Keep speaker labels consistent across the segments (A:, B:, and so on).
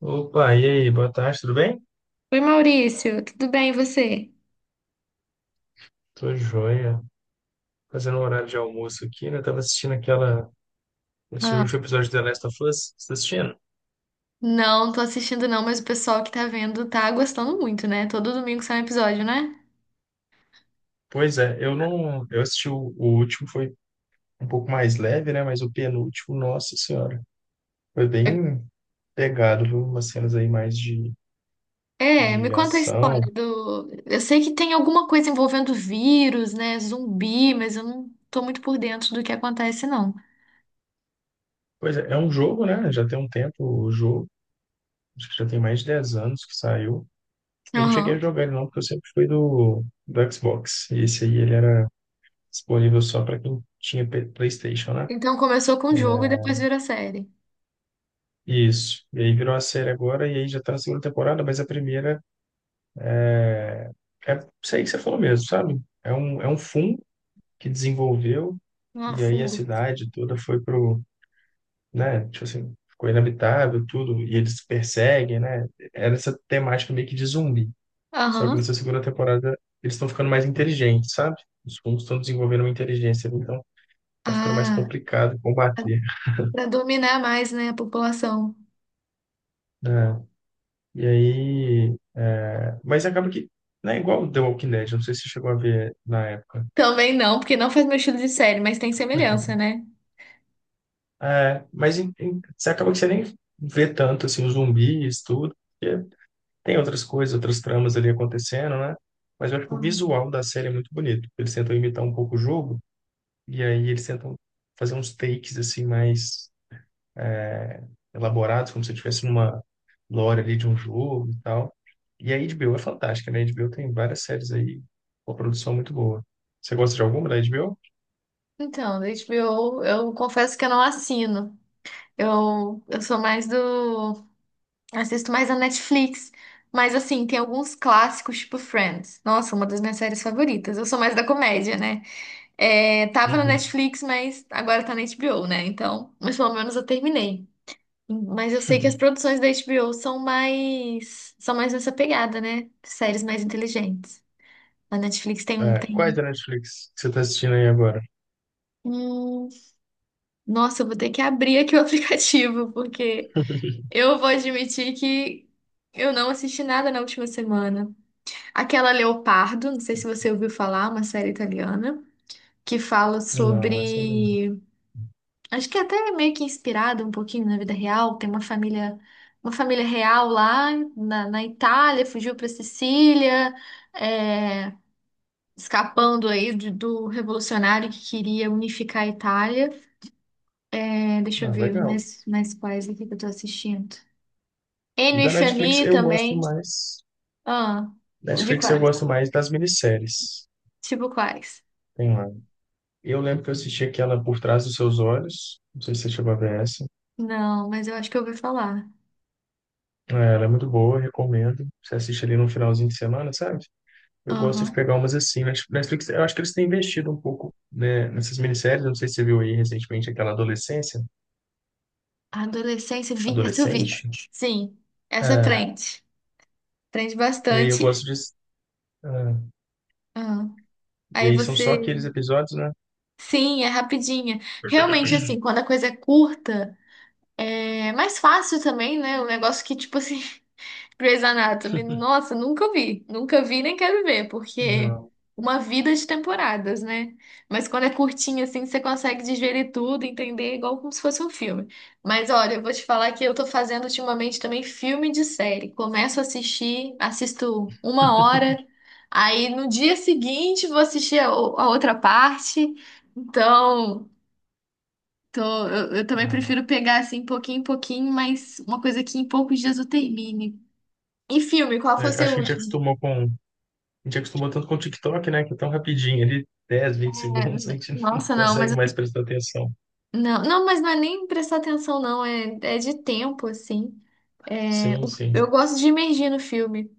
A: Opa, e aí? Boa tarde, tudo bem?
B: Oi, Maurício, tudo bem e você?
A: Tô joia. Fazendo um horário de almoço aqui, né? Tava assistindo aquela... Assistindo o
B: Ah,
A: último episódio de The Last of Us. Você tá assistindo?
B: não, tô assistindo não, mas o pessoal que tá vendo tá gostando muito, né? Todo domingo sai um episódio, né?
A: Pois é, eu não... Eu assisti o último, foi um pouco mais leve, né? Mas o penúltimo, nossa senhora. Foi bem pegado, viu? Umas cenas aí mais de,
B: É, me
A: de
B: conta a
A: ação.
B: história do. Eu sei que tem alguma coisa envolvendo vírus, né? Zumbi, mas eu não tô muito por dentro do que acontece, não.
A: Pois é, é um jogo, né? Já tem um tempo o jogo. Acho que já tem mais de 10 anos que saiu. Eu não cheguei a
B: Aham.
A: jogar ele não, porque eu sempre fui do Xbox. E esse aí, ele era disponível só para quem tinha PlayStation, né?
B: Então começou com o jogo e depois virou série.
A: Isso. E aí virou a série agora, e aí já tá na segunda temporada, mas a primeira é isso aí que você falou mesmo, sabe? É um fundo que desenvolveu,
B: Ah,
A: e aí a
B: fundo.
A: cidade toda foi pro, né? Tipo assim, ficou inabitável, tudo, e eles perseguem, né? Era essa temática meio que de zumbi. Só que
B: Aham.
A: nessa segunda temporada eles estão ficando mais inteligentes, sabe? Os fungos estão desenvolvendo uma inteligência, então tá ficando mais
B: Ah,
A: complicado combater,
B: pra dominar mais, né, a população.
A: né? E aí. É, mas acaba que. Não é igual o The Walking Dead, não sei se você chegou a ver na época.
B: Também não, porque não faz meu estilo de série, mas tem semelhança, né?
A: É, mas você acaba que você nem vê tanto assim, os zumbis, tudo, porque tem outras coisas, outras tramas ali acontecendo, né? Mas eu acho que o visual da série é muito bonito. Eles tentam imitar um pouco o jogo, e aí eles tentam fazer uns takes assim mais. é, elaborados, como se eu estivesse numa lore ali de um jogo e tal. E a HBO é fantástica, né? A HBO tem várias séries aí, uma produção muito boa. Você gosta de alguma da HBO?
B: Então, da HBO, eu confesso que eu não assino. Eu sou mais do. Assisto mais a Netflix. Mas, assim, tem alguns clássicos, tipo Friends. Nossa, uma das minhas séries favoritas. Eu sou mais da comédia, né? É, tava na
A: Uhum.
B: Netflix, mas agora tá na HBO, né? Então, mas pelo menos eu terminei. Mas eu sei que as produções da HBO são mais. São mais nessa pegada, né? Séries mais inteligentes. A Netflix tem um.
A: É, quais
B: Tem...
A: da Netflix que você está assistindo aí agora?
B: Hum, nossa, eu vou ter que abrir aqui o aplicativo, porque. Eu vou admitir que eu não assisti nada na última semana. Aquela Leopardo, não sei se você ouviu falar, uma série italiana, que fala
A: Não, essa ainda não.
B: sobre. Acho que é até meio que inspirada um pouquinho na vida real. Tem uma família real lá na, na Itália, fugiu para Sicília, é, escapando aí de- do revolucionário que queria unificar a Itália. É, deixa eu
A: Ah,
B: ver
A: legal.
B: mais, mais quais aqui que eu tô assistindo. Ennio e
A: Da Netflix
B: Fianni
A: eu gosto
B: também.
A: mais.
B: Ah, de
A: Netflix eu
B: quais?
A: gosto mais das minisséries.
B: Tipo quais?
A: Tem lá. Eu lembro que eu assisti aquela Por Trás dos Seus Olhos. Não sei se você chegou a ver essa.
B: Não, mas eu acho que eu ouvi falar.
A: É, ela é muito boa, recomendo. Você assiste ali no finalzinho de semana, sabe? Eu gosto de
B: Aham.
A: pegar umas assim. Netflix, eu acho que eles têm investido um pouco, né, nessas minisséries. Eu não sei se você viu aí recentemente aquela Adolescência,
B: Adolescência, vi, essa eu vi.
A: Adolescente.
B: Sim, essa
A: É,
B: prende. Prende
A: e aí eu
B: bastante.
A: gosto de. é,
B: Ah.
A: e
B: Aí
A: aí são só aqueles
B: você.
A: episódios, né?
B: Sim, é rapidinha. Realmente, assim, quando a coisa é curta, é mais fácil também, né? O negócio que, tipo assim, Grey's Anatomy, nossa, nunca vi. Nunca vi nem quero ver, porque
A: Não,
B: uma vida de temporadas, né? Mas quando é curtinho assim, você consegue digerir tudo, entender igual como se fosse um filme. Mas olha, eu vou te falar que eu tô fazendo ultimamente também filme de série. Começo a assistir, assisto uma hora, aí no dia seguinte vou assistir a, o- a outra parte. Então, tô- eu também
A: não.
B: prefiro pegar assim, pouquinho em pouquinho, mas uma coisa que em poucos dias eu termine. E filme, qual
A: É,
B: foi o seu
A: acho que a gente
B: último?
A: acostumou com. A gente acostumou tanto com o TikTok, né? Que é tão rapidinho, ali dez,
B: É,
A: vinte segundos, a gente não
B: nossa, não, mas
A: consegue mais prestar atenção.
B: não, mas não é nem prestar atenção, não, é de tempo, assim. É,
A: Sim,
B: o-
A: sim.
B: eu gosto de imergir no filme.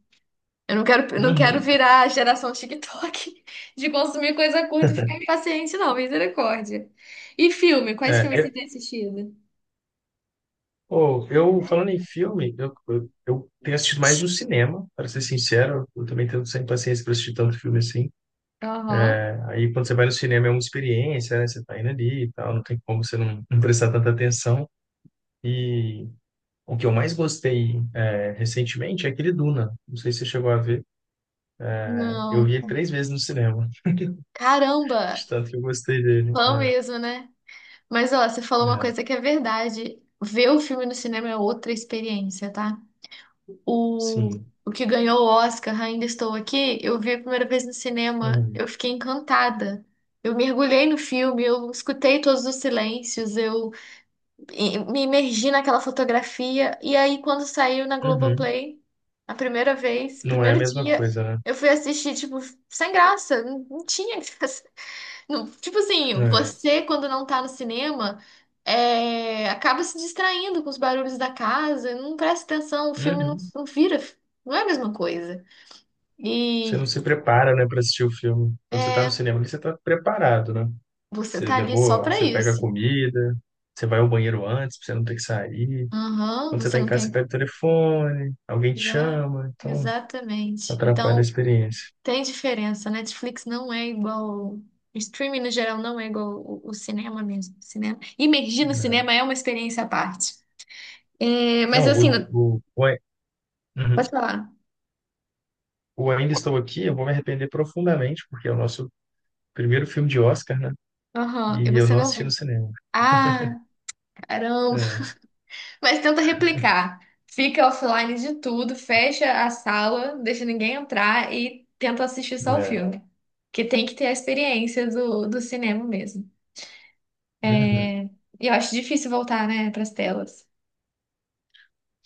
B: Eu não quero
A: Uhum.
B: virar a geração TikTok de consumir coisa curta e ficar impaciente, não, misericórdia. E filme, quais filmes você
A: É,
B: tem assistido?
A: Pô, eu falando em filme, eu tenho assistido mais no cinema, para ser sincero, eu também tenho sem paciência para assistir tanto filme assim.
B: Aham.
A: Aí quando você vai no cinema é uma experiência, né? Você tá indo ali e tal, não tem como você não, não prestar tanta atenção. E o que eu mais gostei é, recentemente é aquele Duna. Não sei se você chegou a ver. Eu
B: Não.
A: vi ele 3 vezes no cinema,
B: Caramba,
A: de tanto que eu gostei dele.
B: fã mesmo, né? Mas ó, você
A: É,
B: falou uma
A: é,
B: coisa que é verdade. Ver o filme no cinema é outra experiência, tá? O,
A: sim.
B: o que ganhou o Oscar, Ainda Estou Aqui, eu vi a primeira vez no cinema,
A: Uhum.
B: eu fiquei encantada. Eu mergulhei no filme, eu escutei todos os silêncios, eu e- me imergi naquela fotografia. E aí, quando saiu na
A: Uhum.
B: Globoplay, a primeira vez, o
A: Não é a
B: primeiro
A: mesma
B: dia,
A: coisa,
B: eu fui assistir, tipo, sem graça, não tinha graça. Não, tipo assim,
A: né? É.
B: você quando não tá no cinema, é, acaba se distraindo com os barulhos da casa, não presta atenção, o filme
A: Uhum.
B: não vira, não é a mesma coisa.
A: Você
B: E
A: não se prepara, né, para assistir o filme. Quando você tá no
B: é,
A: cinema, ali, você tá preparado, né?
B: você
A: Você
B: tá ali só
A: levou,
B: pra
A: você pega a
B: isso.
A: comida, você vai ao banheiro antes, pra você não ter que sair.
B: Aham,
A: Quando você
B: você
A: tá em
B: não
A: casa, você
B: tem.
A: pega o telefone, alguém te
B: Ah,
A: chama, então
B: exatamente.
A: atrapalha a
B: Então
A: experiência.
B: tem diferença. Netflix não é igual. O Streaming no geral não é igual o cinema mesmo. Cinema. Imergir no
A: Né?
B: cinema é uma experiência à parte. É, mas
A: Não,
B: assim, pode
A: Uhum.
B: falar.
A: O Ainda Estou Aqui, eu vou me arrepender profundamente, porque é o nosso primeiro filme de Oscar, né?
B: Aham, e
A: E eu
B: você
A: não
B: não
A: assisti no
B: viu.
A: cinema.
B: Ah, caramba.
A: É,
B: Mas tenta replicar. Fica offline de tudo, fecha a sala, deixa ninguém entrar e tenta assistir só o
A: é.
B: filme. Que tem que ter a experiência do, do cinema mesmo.
A: Uhum.
B: É, e eu acho difícil voltar, né, pras telas.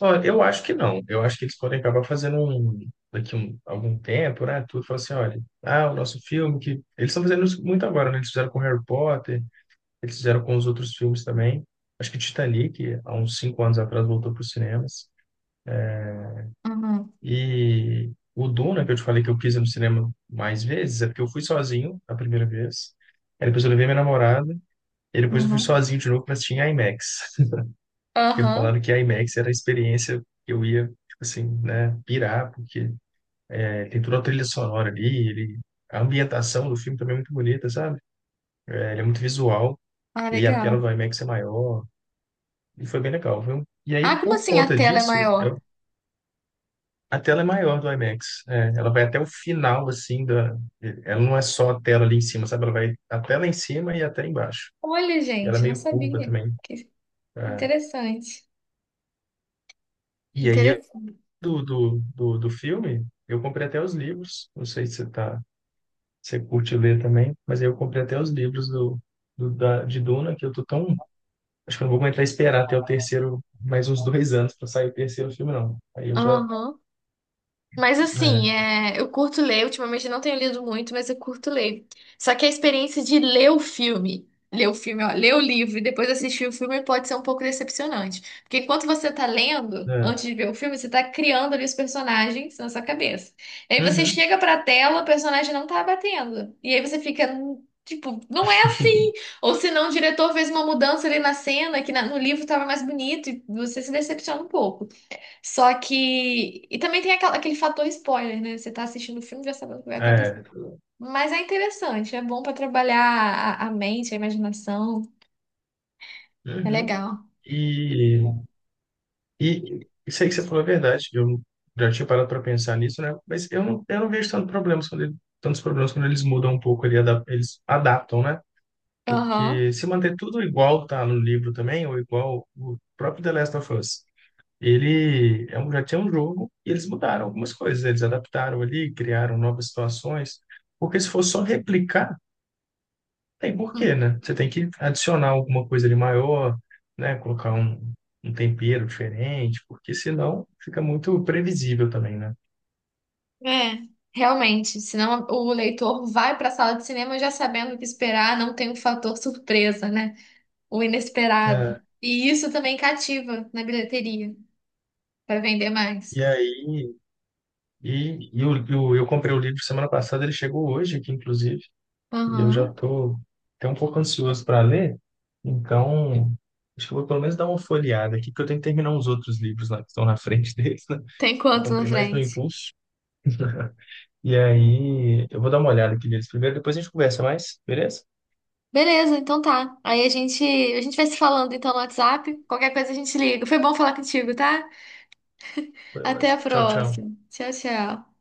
A: Ó, eu acho que não. Eu acho que eles podem acabar fazendo um, daqui um, algum tempo, né? Tudo fala assim, olha, ah, o nosso filme que eles estão fazendo isso muito agora, né? Eles fizeram com Harry Potter, eles fizeram com os outros filmes também. Acho que Titanic, há uns 5 anos atrás, voltou para os cinemas.
B: Aham,
A: E o Duna, que eu te falei que eu quis ir no cinema mais vezes, é porque eu fui sozinho a primeira vez. Aí depois eu levei minha namorada. E depois eu fui
B: aham.
A: sozinho de novo para assistir em IMAX. Porque me falaram
B: Aham.
A: que IMAX era a experiência que eu ia, tipo assim, né, pirar, porque tem toda a trilha sonora ali, ele... a ambientação do filme também é muito bonita, sabe? É, ele é muito visual,
B: Ah,
A: e a tela
B: legal.
A: do IMAX é maior, e foi bem legal, viu? E aí,
B: Ah, como
A: por
B: assim a
A: conta
B: tela é
A: disso,
B: maior?
A: eu- a tela é maior do IMAX. É, ela vai até o final, assim, da... ela não é só a tela ali em cima, sabe? Ela vai até lá em cima e até embaixo.
B: Olha,
A: E ela é
B: gente, eu não
A: meio curva
B: sabia.
A: também.
B: Que
A: É.
B: interessante.
A: E aí, eu-
B: Interessante.
A: do filme, eu comprei até os livros, não sei se você tá... se você curte ler também, mas aí eu comprei até os livros de Duna, que eu tô tão acho que eu não vou aguentar esperar até o terceiro, mais uns 2 anos para sair o terceiro filme, não. Aí eu já.
B: Aham. Mas assim,
A: É,
B: é, eu curto ler, ultimamente eu não tenho lido muito, mas eu curto ler. Só que a experiência de ler o filme, ó, ler o livro e depois assistir o filme pode ser um pouco decepcionante. Porque enquanto você tá lendo, antes
A: é,
B: de ver o filme, você tá criando ali os personagens na sua cabeça. E aí você
A: uhum,
B: chega pra tela, o personagem não tá batendo. E aí você fica, tipo, não é assim. Ou senão o diretor fez uma mudança ali na cena que na- no livro tava mais bonito e você se decepciona um pouco. Só que. E também tem aquela- aquele fator spoiler, né? Você tá assistindo o filme já sabendo o que vai
A: é,
B: acontecer. Mas é interessante, é bom pra trabalhar a mente, a imaginação. É
A: uhum.
B: legal.
A: E, e isso aí que você falou é verdade. Eu já tinha parado para pensar nisso, né? Mas eu não vejo tantos problemas quando eles mudam um pouco, eles adaptam, né?
B: Aham.
A: Porque se manter tudo igual tá no livro também, ou igual o próprio The Last of Us. Ele é um, já tinha um jogo e eles mudaram algumas coisas, eles adaptaram ali, criaram novas situações, porque se for só replicar, tem
B: Hum.
A: porquê, né? Você tem que adicionar alguma coisa ali maior, né? Colocar um, um tempero diferente, porque senão fica muito previsível também, né?
B: É, realmente. Senão o leitor vai pra sala de cinema já sabendo o que esperar, não tem o fator surpresa, né? O inesperado.
A: É,
B: E isso também cativa na bilheteria, pra vender
A: e
B: mais.
A: aí, eu comprei o livro semana passada, ele chegou hoje aqui, inclusive, e eu já
B: Aham.
A: estou até um pouco ansioso para ler, então acho que eu vou pelo menos dar uma folheada aqui, porque eu tenho que terminar uns outros livros lá que estão na frente deles, né?
B: Tem
A: Eu
B: quanto na
A: comprei mais no
B: frente?
A: Impulso, e aí eu vou dar uma olhada aqui neles primeiro, depois a gente conversa mais, beleza?
B: Beleza, então tá. Aí a gente vai se falando então no WhatsApp. Qualquer coisa a gente liga. Foi bom falar contigo, tá?
A: Foi
B: Até a
A: ótimo. Tchau, tchau.
B: próxima. Tchau, tchau.